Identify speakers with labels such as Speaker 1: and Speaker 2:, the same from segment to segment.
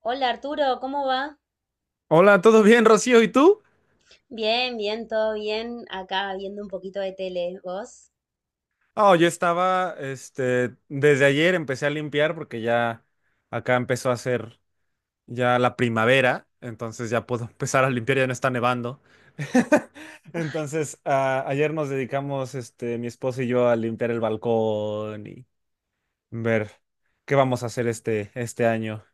Speaker 1: Hola Arturo, ¿cómo va?
Speaker 2: Hola, ¿todo bien, Rocío? ¿Y tú?
Speaker 1: Bien, bien, todo bien. Acá viendo un poquito de tele, ¿vos?
Speaker 2: Oh, yo estaba, desde ayer empecé a limpiar porque ya acá empezó a hacer ya la primavera, entonces ya puedo empezar a limpiar, ya no está nevando. Entonces, ayer nos dedicamos, mi esposo y yo a limpiar el balcón y ver qué vamos a hacer este, este año.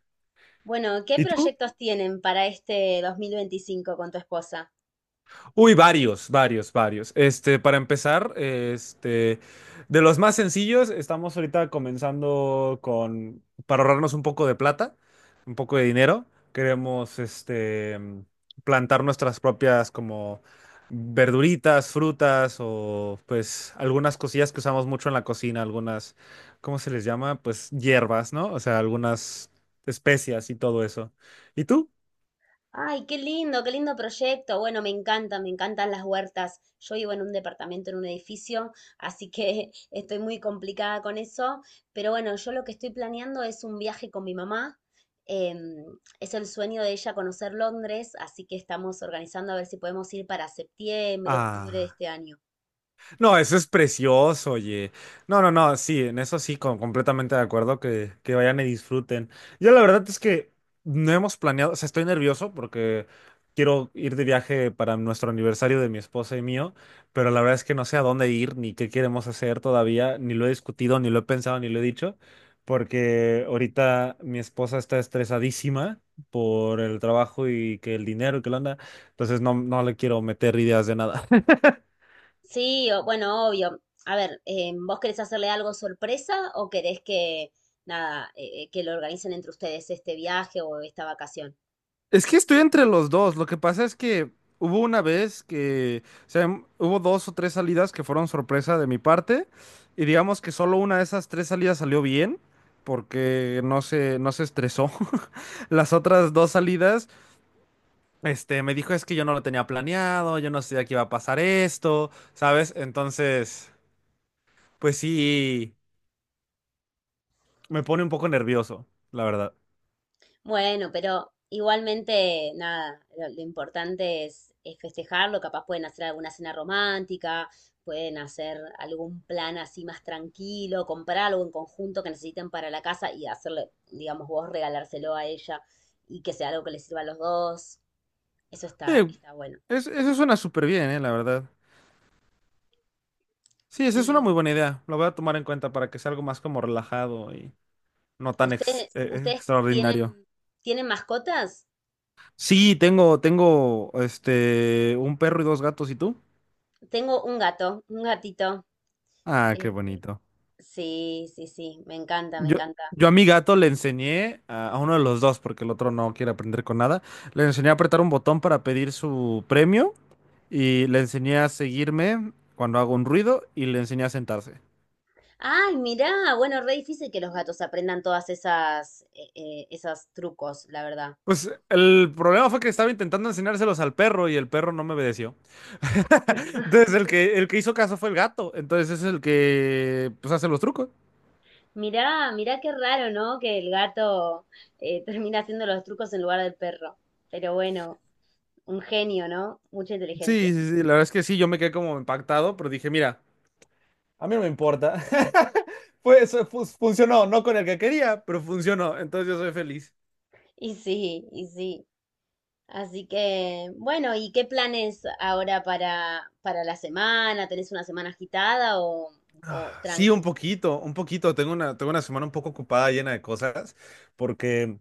Speaker 1: Bueno, ¿qué
Speaker 2: ¿Y tú?
Speaker 1: proyectos tienen para este 2025 con tu esposa?
Speaker 2: Uy, varios, varios, varios. Para empezar, de los más sencillos, estamos ahorita comenzando con, para ahorrarnos un poco de plata, un poco de dinero, queremos, plantar nuestras propias como verduritas, frutas o pues algunas cosillas que usamos mucho en la cocina, algunas, ¿cómo se les llama? Pues hierbas, ¿no? O sea, algunas especias y todo eso. ¿Y tú?
Speaker 1: Ay, qué lindo proyecto. Bueno, me encanta, me encantan las huertas. Yo vivo en un departamento, en un edificio, así que estoy muy complicada con eso. Pero bueno, yo lo que estoy planeando es un viaje con mi mamá. Em, es el sueño de ella conocer Londres, así que estamos organizando a ver si podemos ir para septiembre, octubre de
Speaker 2: Ah.
Speaker 1: este año.
Speaker 2: No, eso es precioso, oye. No, no, no, sí, en eso sí, completamente de acuerdo que vayan y disfruten. Yo la verdad es que no hemos planeado, o sea, estoy nervioso porque quiero ir de viaje para nuestro aniversario de mi esposa y mío, pero la verdad es que no sé a dónde ir ni qué queremos hacer todavía, ni lo he discutido, ni lo he pensado, ni lo he dicho, porque ahorita mi esposa está estresadísima por el trabajo y que el dinero y que la anda, entonces no, no le quiero meter ideas de nada.
Speaker 1: Sí, bueno, obvio. A ver, ¿vos querés hacerle algo sorpresa o querés que, nada, que lo organicen entre ustedes este viaje o esta vacación?
Speaker 2: Es que estoy entre los dos. Lo que pasa es que hubo una vez que, o sea, hubo dos o tres salidas que fueron sorpresa de mi parte. Y digamos que solo una de esas tres salidas salió bien, porque no se estresó. Las otras dos salidas, me dijo es que yo no lo tenía planeado, yo no sabía que iba a pasar esto, ¿sabes? Entonces, pues sí, me pone un poco nervioso, la verdad.
Speaker 1: Bueno, pero igualmente, nada, lo importante es festejarlo. Capaz pueden hacer alguna cena romántica, pueden hacer algún plan así más tranquilo, comprar algo en conjunto que necesiten para la casa y hacerle, digamos, vos regalárselo a ella y que sea algo que les sirva a los dos. Eso está,
Speaker 2: Eh,
Speaker 1: está bueno.
Speaker 2: eso suena súper bien, la verdad. Sí, esa es una muy buena idea. Lo voy a tomar en cuenta para que sea algo más como relajado y no tan
Speaker 1: ¿ ustedes
Speaker 2: extraordinario.
Speaker 1: tienen, tienen mascotas?
Speaker 2: Sí, tengo, un perro y dos gatos. ¿Y tú?
Speaker 1: Tengo un gato, un gatito.
Speaker 2: Ah, qué
Speaker 1: Eh,
Speaker 2: bonito.
Speaker 1: sí, sí, sí, me encanta, me
Speaker 2: Yo,
Speaker 1: encanta.
Speaker 2: yo a mi gato le enseñé a uno de los dos, porque el otro no quiere aprender con nada. Le enseñé a apretar un botón para pedir su premio y le enseñé a seguirme cuando hago un ruido y le enseñé a sentarse.
Speaker 1: Ay, mirá, bueno, re difícil que los gatos aprendan todas esas, esas trucos, la verdad.
Speaker 2: Pues el problema fue que estaba intentando enseñárselos al perro y el perro no me obedeció. Entonces el que hizo caso fue el gato, entonces es el que pues hace los trucos.
Speaker 1: Mirá, mirá qué raro, ¿no? Que el gato termina haciendo los trucos en lugar del perro. Pero bueno, un genio, ¿no? Mucha inteligencia.
Speaker 2: Sí, sí, sí, la verdad es que sí, yo me quedé como impactado, pero dije, mira, a mí no me importa. Pues funcionó, no con el que quería, pero funcionó, entonces yo soy feliz.
Speaker 1: Y sí, y sí. Así que, bueno, ¿y qué planes ahora para la semana? ¿Tenés una semana agitada o
Speaker 2: Sí, un
Speaker 1: tranqui?
Speaker 2: poquito, un poquito. Tengo una semana un poco ocupada, llena de cosas, porque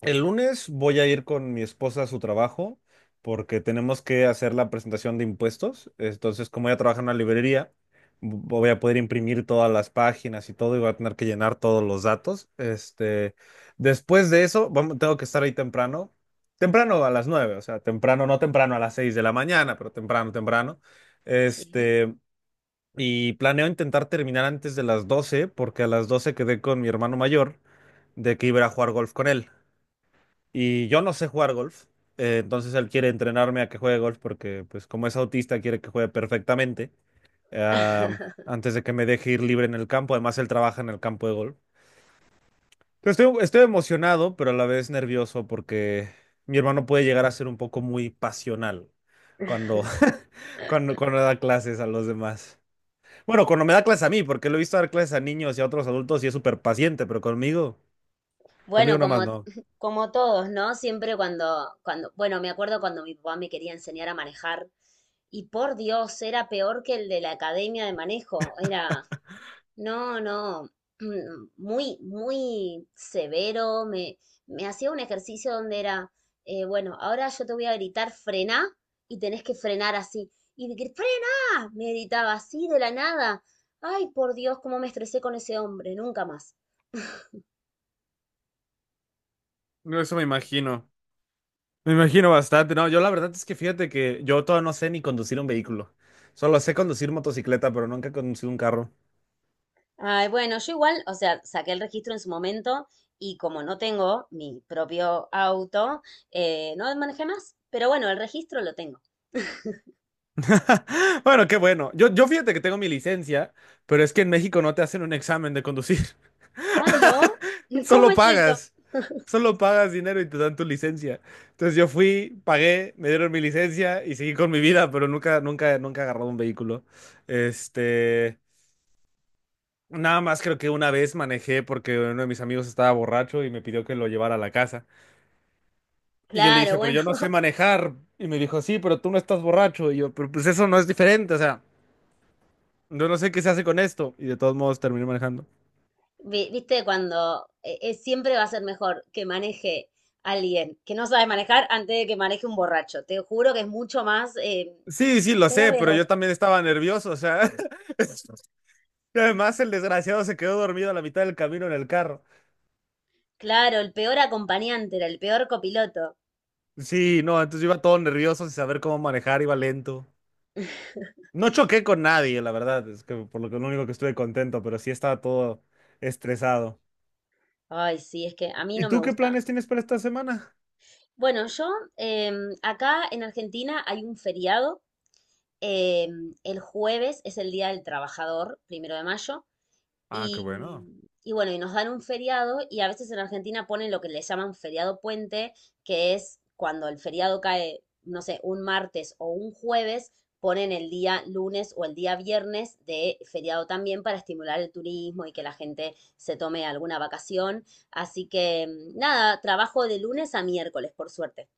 Speaker 2: el lunes voy a ir con mi esposa a su trabajo, porque tenemos que hacer la presentación de impuestos. Entonces, como ella trabaja en una librería, voy a poder imprimir todas las páginas y todo, y voy a tener que llenar todos los datos. Después de eso, tengo que estar ahí temprano, temprano a las 9, o sea, temprano, no temprano a las 6 de la mañana, pero temprano, temprano.
Speaker 1: Sí.
Speaker 2: Este, y planeo intentar terminar antes de las 12 porque a las 12 quedé con mi hermano mayor de que iba a ir a jugar golf con él. Y yo no sé jugar golf, entonces él quiere entrenarme a que juegue golf porque, pues, como es autista, quiere que juegue perfectamente ah, antes de que me deje ir libre en el campo. Además, él trabaja en el campo de golf. Entonces, estoy emocionado, pero a la vez nervioso porque mi hermano puede llegar a ser un poco muy pasional cuando, cuando da clases a los demás. Bueno, cuando me da clases a mí, porque lo he visto dar clases a niños y a otros adultos y es súper paciente, pero conmigo, conmigo
Speaker 1: Bueno,
Speaker 2: nomás
Speaker 1: como,
Speaker 2: no.
Speaker 1: como todos, ¿no? Siempre cuando, cuando, bueno, me acuerdo cuando mi papá me quería enseñar a manejar y por Dios, era peor que el de la academia de manejo, era. No, no, muy, muy severo. Me hacía un ejercicio donde era, bueno, ahora yo te voy a gritar frená y tenés que frenar así. Y de que frená, me gritaba así de la nada. Ay, por Dios, cómo me estresé con ese hombre, nunca más.
Speaker 2: No, eso me imagino. Me imagino bastante. No, yo la verdad es que fíjate que yo todavía no sé ni conducir un vehículo. Solo sé conducir motocicleta, pero nunca he conducido un carro.
Speaker 1: Ay, bueno, yo igual, o sea, saqué el registro en su momento y como no tengo mi propio auto, no manejé más. Pero bueno, el registro lo tengo.
Speaker 2: Bueno, qué bueno. Yo fíjate que tengo mi licencia, pero es que en México no te hacen un examen de conducir.
Speaker 1: Ah, ¿no? ¿Cómo
Speaker 2: Solo
Speaker 1: es eso?
Speaker 2: pagas. Solo pagas dinero y te dan tu licencia. Entonces yo fui, pagué, me dieron mi licencia y seguí con mi vida, pero nunca, nunca, nunca he agarrado un vehículo. Este, nada más creo que una vez manejé porque uno de mis amigos estaba borracho y me pidió que lo llevara a la casa. Y yo le
Speaker 1: Claro,
Speaker 2: dije, pero
Speaker 1: bueno,
Speaker 2: yo no sé manejar. Y me dijo, sí, pero tú no estás borracho. Y yo, pero pues eso no es diferente, o sea, yo no sé qué se hace con esto. Y de todos modos terminé manejando.
Speaker 1: viste, cuando siempre va a ser mejor que maneje alguien que no sabe manejar antes de que maneje un borracho. Te juro que es mucho más,
Speaker 2: Sí, sí, lo
Speaker 1: menos
Speaker 2: sé, pero
Speaker 1: riesgoso.
Speaker 2: yo también estaba nervioso, o sea. Y además, el desgraciado se quedó dormido a la mitad del camino en el carro.
Speaker 1: Claro, el peor acompañante era el peor copiloto.
Speaker 2: Sí, no, entonces yo iba todo nervioso sin saber cómo manejar, iba lento. No choqué con nadie, la verdad, es que por lo que lo único que estuve contento, pero sí estaba todo estresado.
Speaker 1: Ay, sí, es que a mí
Speaker 2: ¿Y
Speaker 1: no me
Speaker 2: tú qué
Speaker 1: gusta.
Speaker 2: planes tienes para esta semana?
Speaker 1: Bueno, yo acá en Argentina hay un feriado. Em, el jueves es el Día del Trabajador, primero de mayo.
Speaker 2: Ah, qué bueno.
Speaker 1: Y bueno, y nos dan un feriado y a veces en Argentina ponen lo que le llaman feriado puente, que es cuando el feriado cae, no sé, un martes o un jueves, ponen el día lunes o el día viernes de feriado también para estimular el turismo y que la gente se tome alguna vacación. Así que nada, trabajo de lunes a miércoles, por suerte.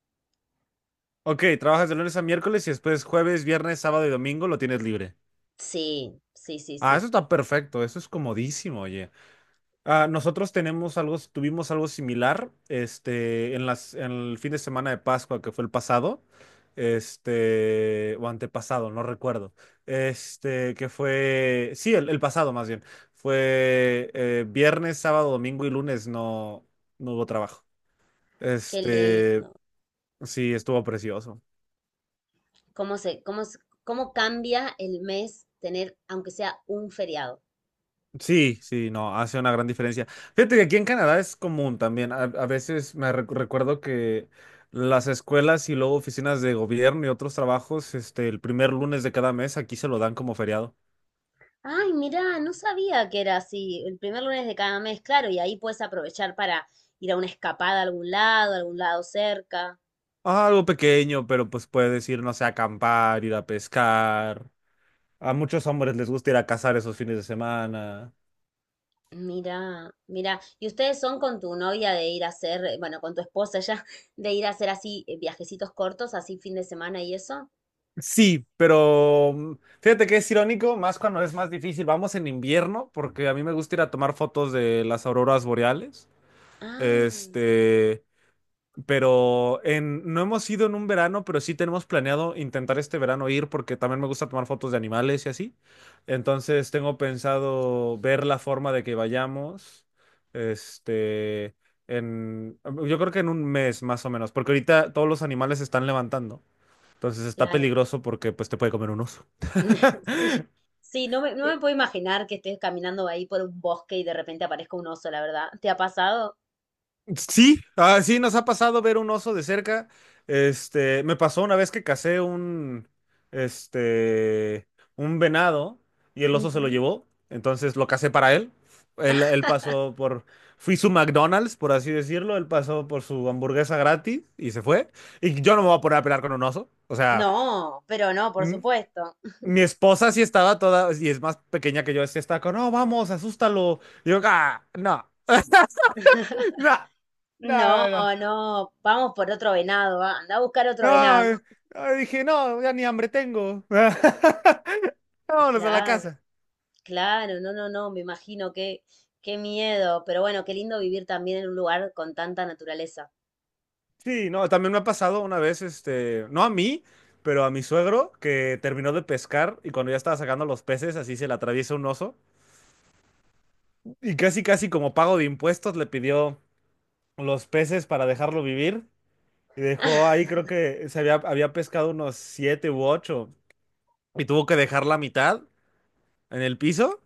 Speaker 2: Ok, trabajas de lunes a miércoles y después jueves, viernes, sábado y domingo lo tienes libre.
Speaker 1: Sí, sí, sí,
Speaker 2: Ah, eso
Speaker 1: sí.
Speaker 2: está perfecto, eso es comodísimo, oye. Ah, nosotros tenemos algo, tuvimos algo similar, en las, en el fin de semana de Pascua, que fue el pasado, o antepasado, no recuerdo, que fue, sí, el pasado más bien, fue viernes, sábado, domingo y lunes no, no hubo trabajo.
Speaker 1: Qué
Speaker 2: Este,
Speaker 1: lindo.
Speaker 2: sí, estuvo precioso.
Speaker 1: ¿Cómo se, cómo, cómo cambia el mes tener, aunque sea un feriado?
Speaker 2: Sí, sí, no, hace una gran diferencia. Fíjate que aquí en Canadá es común también. A veces recuerdo que las escuelas y luego oficinas de gobierno y otros trabajos, el primer lunes de cada mes aquí se lo dan como feriado.
Speaker 1: Ay, mirá, no sabía que era así. El primer lunes de cada mes, claro, y ahí puedes aprovechar para ir a una escapada a algún lado cerca.
Speaker 2: Ah, algo pequeño, pero pues puedes ir, no sé, a acampar, ir a pescar. A muchos hombres les gusta ir a cazar esos fines de semana.
Speaker 1: Mira, mira, ¿y ustedes son con tu novia de ir a hacer, bueno, con tu esposa ya, de ir a hacer así viajecitos cortos, así fin de semana y eso?
Speaker 2: Sí, pero fíjate que es irónico, más cuando es más difícil. Vamos en invierno, porque a mí me gusta ir a tomar fotos de las auroras boreales.
Speaker 1: Ah,
Speaker 2: Este, pero en, no hemos ido en un verano, pero sí tenemos planeado intentar este verano ir porque también me gusta tomar fotos de animales y así. Entonces tengo pensado ver la forma de que vayamos. Este, en, yo creo que en un mes más o menos, porque ahorita todos los animales se están levantando. Entonces está
Speaker 1: claro.
Speaker 2: peligroso porque pues te puede comer un oso.
Speaker 1: Sí, sí, no me, no me puedo imaginar que estés caminando ahí por un bosque y de repente aparezca un oso, la verdad. ¿Te ha pasado?
Speaker 2: Sí, ah, sí, nos ha pasado ver un oso de cerca. Me pasó una vez que casé este, un venado y el oso se lo
Speaker 1: Ujú.
Speaker 2: llevó. Entonces lo casé para él. Él pasó por, fui su McDonald's, por así decirlo. Él pasó por su hamburguesa gratis y se fue. Y yo no me voy a poner a pelear con un oso. O sea,
Speaker 1: No, pero no, por
Speaker 2: m-
Speaker 1: supuesto.
Speaker 2: mi esposa sí estaba toda, y es más pequeña que yo, sí estaba con, no, vamos, asústalo. Y yo, ah, no, no, no,
Speaker 1: No,
Speaker 2: no, no.
Speaker 1: no, vamos por otro venado, va, anda a buscar otro
Speaker 2: No,
Speaker 1: venado.
Speaker 2: dije, no, ya ni hambre tengo. Vámonos a la
Speaker 1: Claro,
Speaker 2: casa.
Speaker 1: claro, no, no, no, me imagino qué, qué miedo, pero bueno, qué lindo vivir también en un lugar con tanta naturaleza.
Speaker 2: Sí, no, también me ha pasado una vez, no a mí, pero a mi suegro, que terminó de pescar y cuando ya estaba sacando los peces, así se le atraviesa un oso. Y casi, casi como pago de impuestos, le pidió los peces para dejarlo vivir. Y dejó ahí, creo que había pescado unos 7 u 8. Y tuvo que dejar la mitad en el piso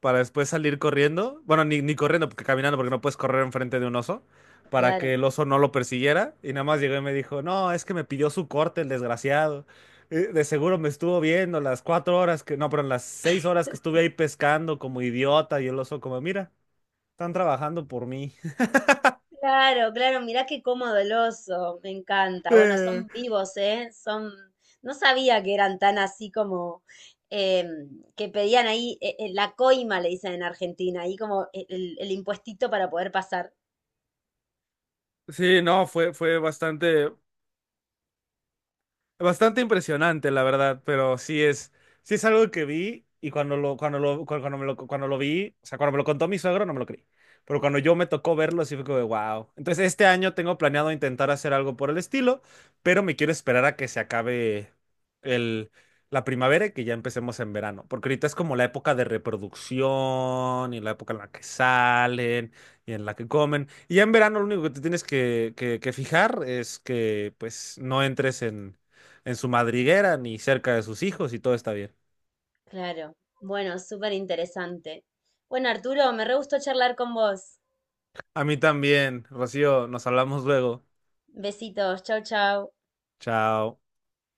Speaker 2: para después salir corriendo. Bueno, ni, ni corriendo, porque caminando, porque no puedes correr enfrente de un oso, para
Speaker 1: Claro,
Speaker 2: que el oso no lo persiguiera. Y nada más llegó y me dijo, no, es que me pidió su corte el desgraciado. De seguro me estuvo viendo las 4 horas que, no, pero las 6 horas que estuve ahí pescando como idiota y el oso como, mira, están trabajando por mí.
Speaker 1: claro, claro, mirá qué cómodo el oso, me encanta. Bueno,
Speaker 2: Eh,
Speaker 1: son vivos, ¿eh? Son, no sabía que eran tan así como eh, que pedían ahí la coima, le dicen en Argentina, ahí como el impuestito para poder pasar.
Speaker 2: sí, no, fue bastante. Bastante impresionante, la verdad, pero sí es algo que vi y cuando lo vi, o sea, cuando me lo contó mi suegro no me lo creí, pero cuando yo me tocó verlo sí fue como de wow. Entonces este año tengo planeado intentar hacer algo por el estilo, pero me quiero esperar a que se acabe el, la primavera y que ya empecemos en verano, porque ahorita es como la época de reproducción y la época en la que salen y en la que comen. Y ya en verano lo único que te tienes que, que fijar es que pues no entres en su madriguera ni cerca de sus hijos y todo está bien.
Speaker 1: Claro. Bueno, súper interesante. Bueno, Arturo, me re gustó charlar con vos.
Speaker 2: A mí también, Rocío, nos hablamos luego.
Speaker 1: Besitos, chau, chau.
Speaker 2: Chao.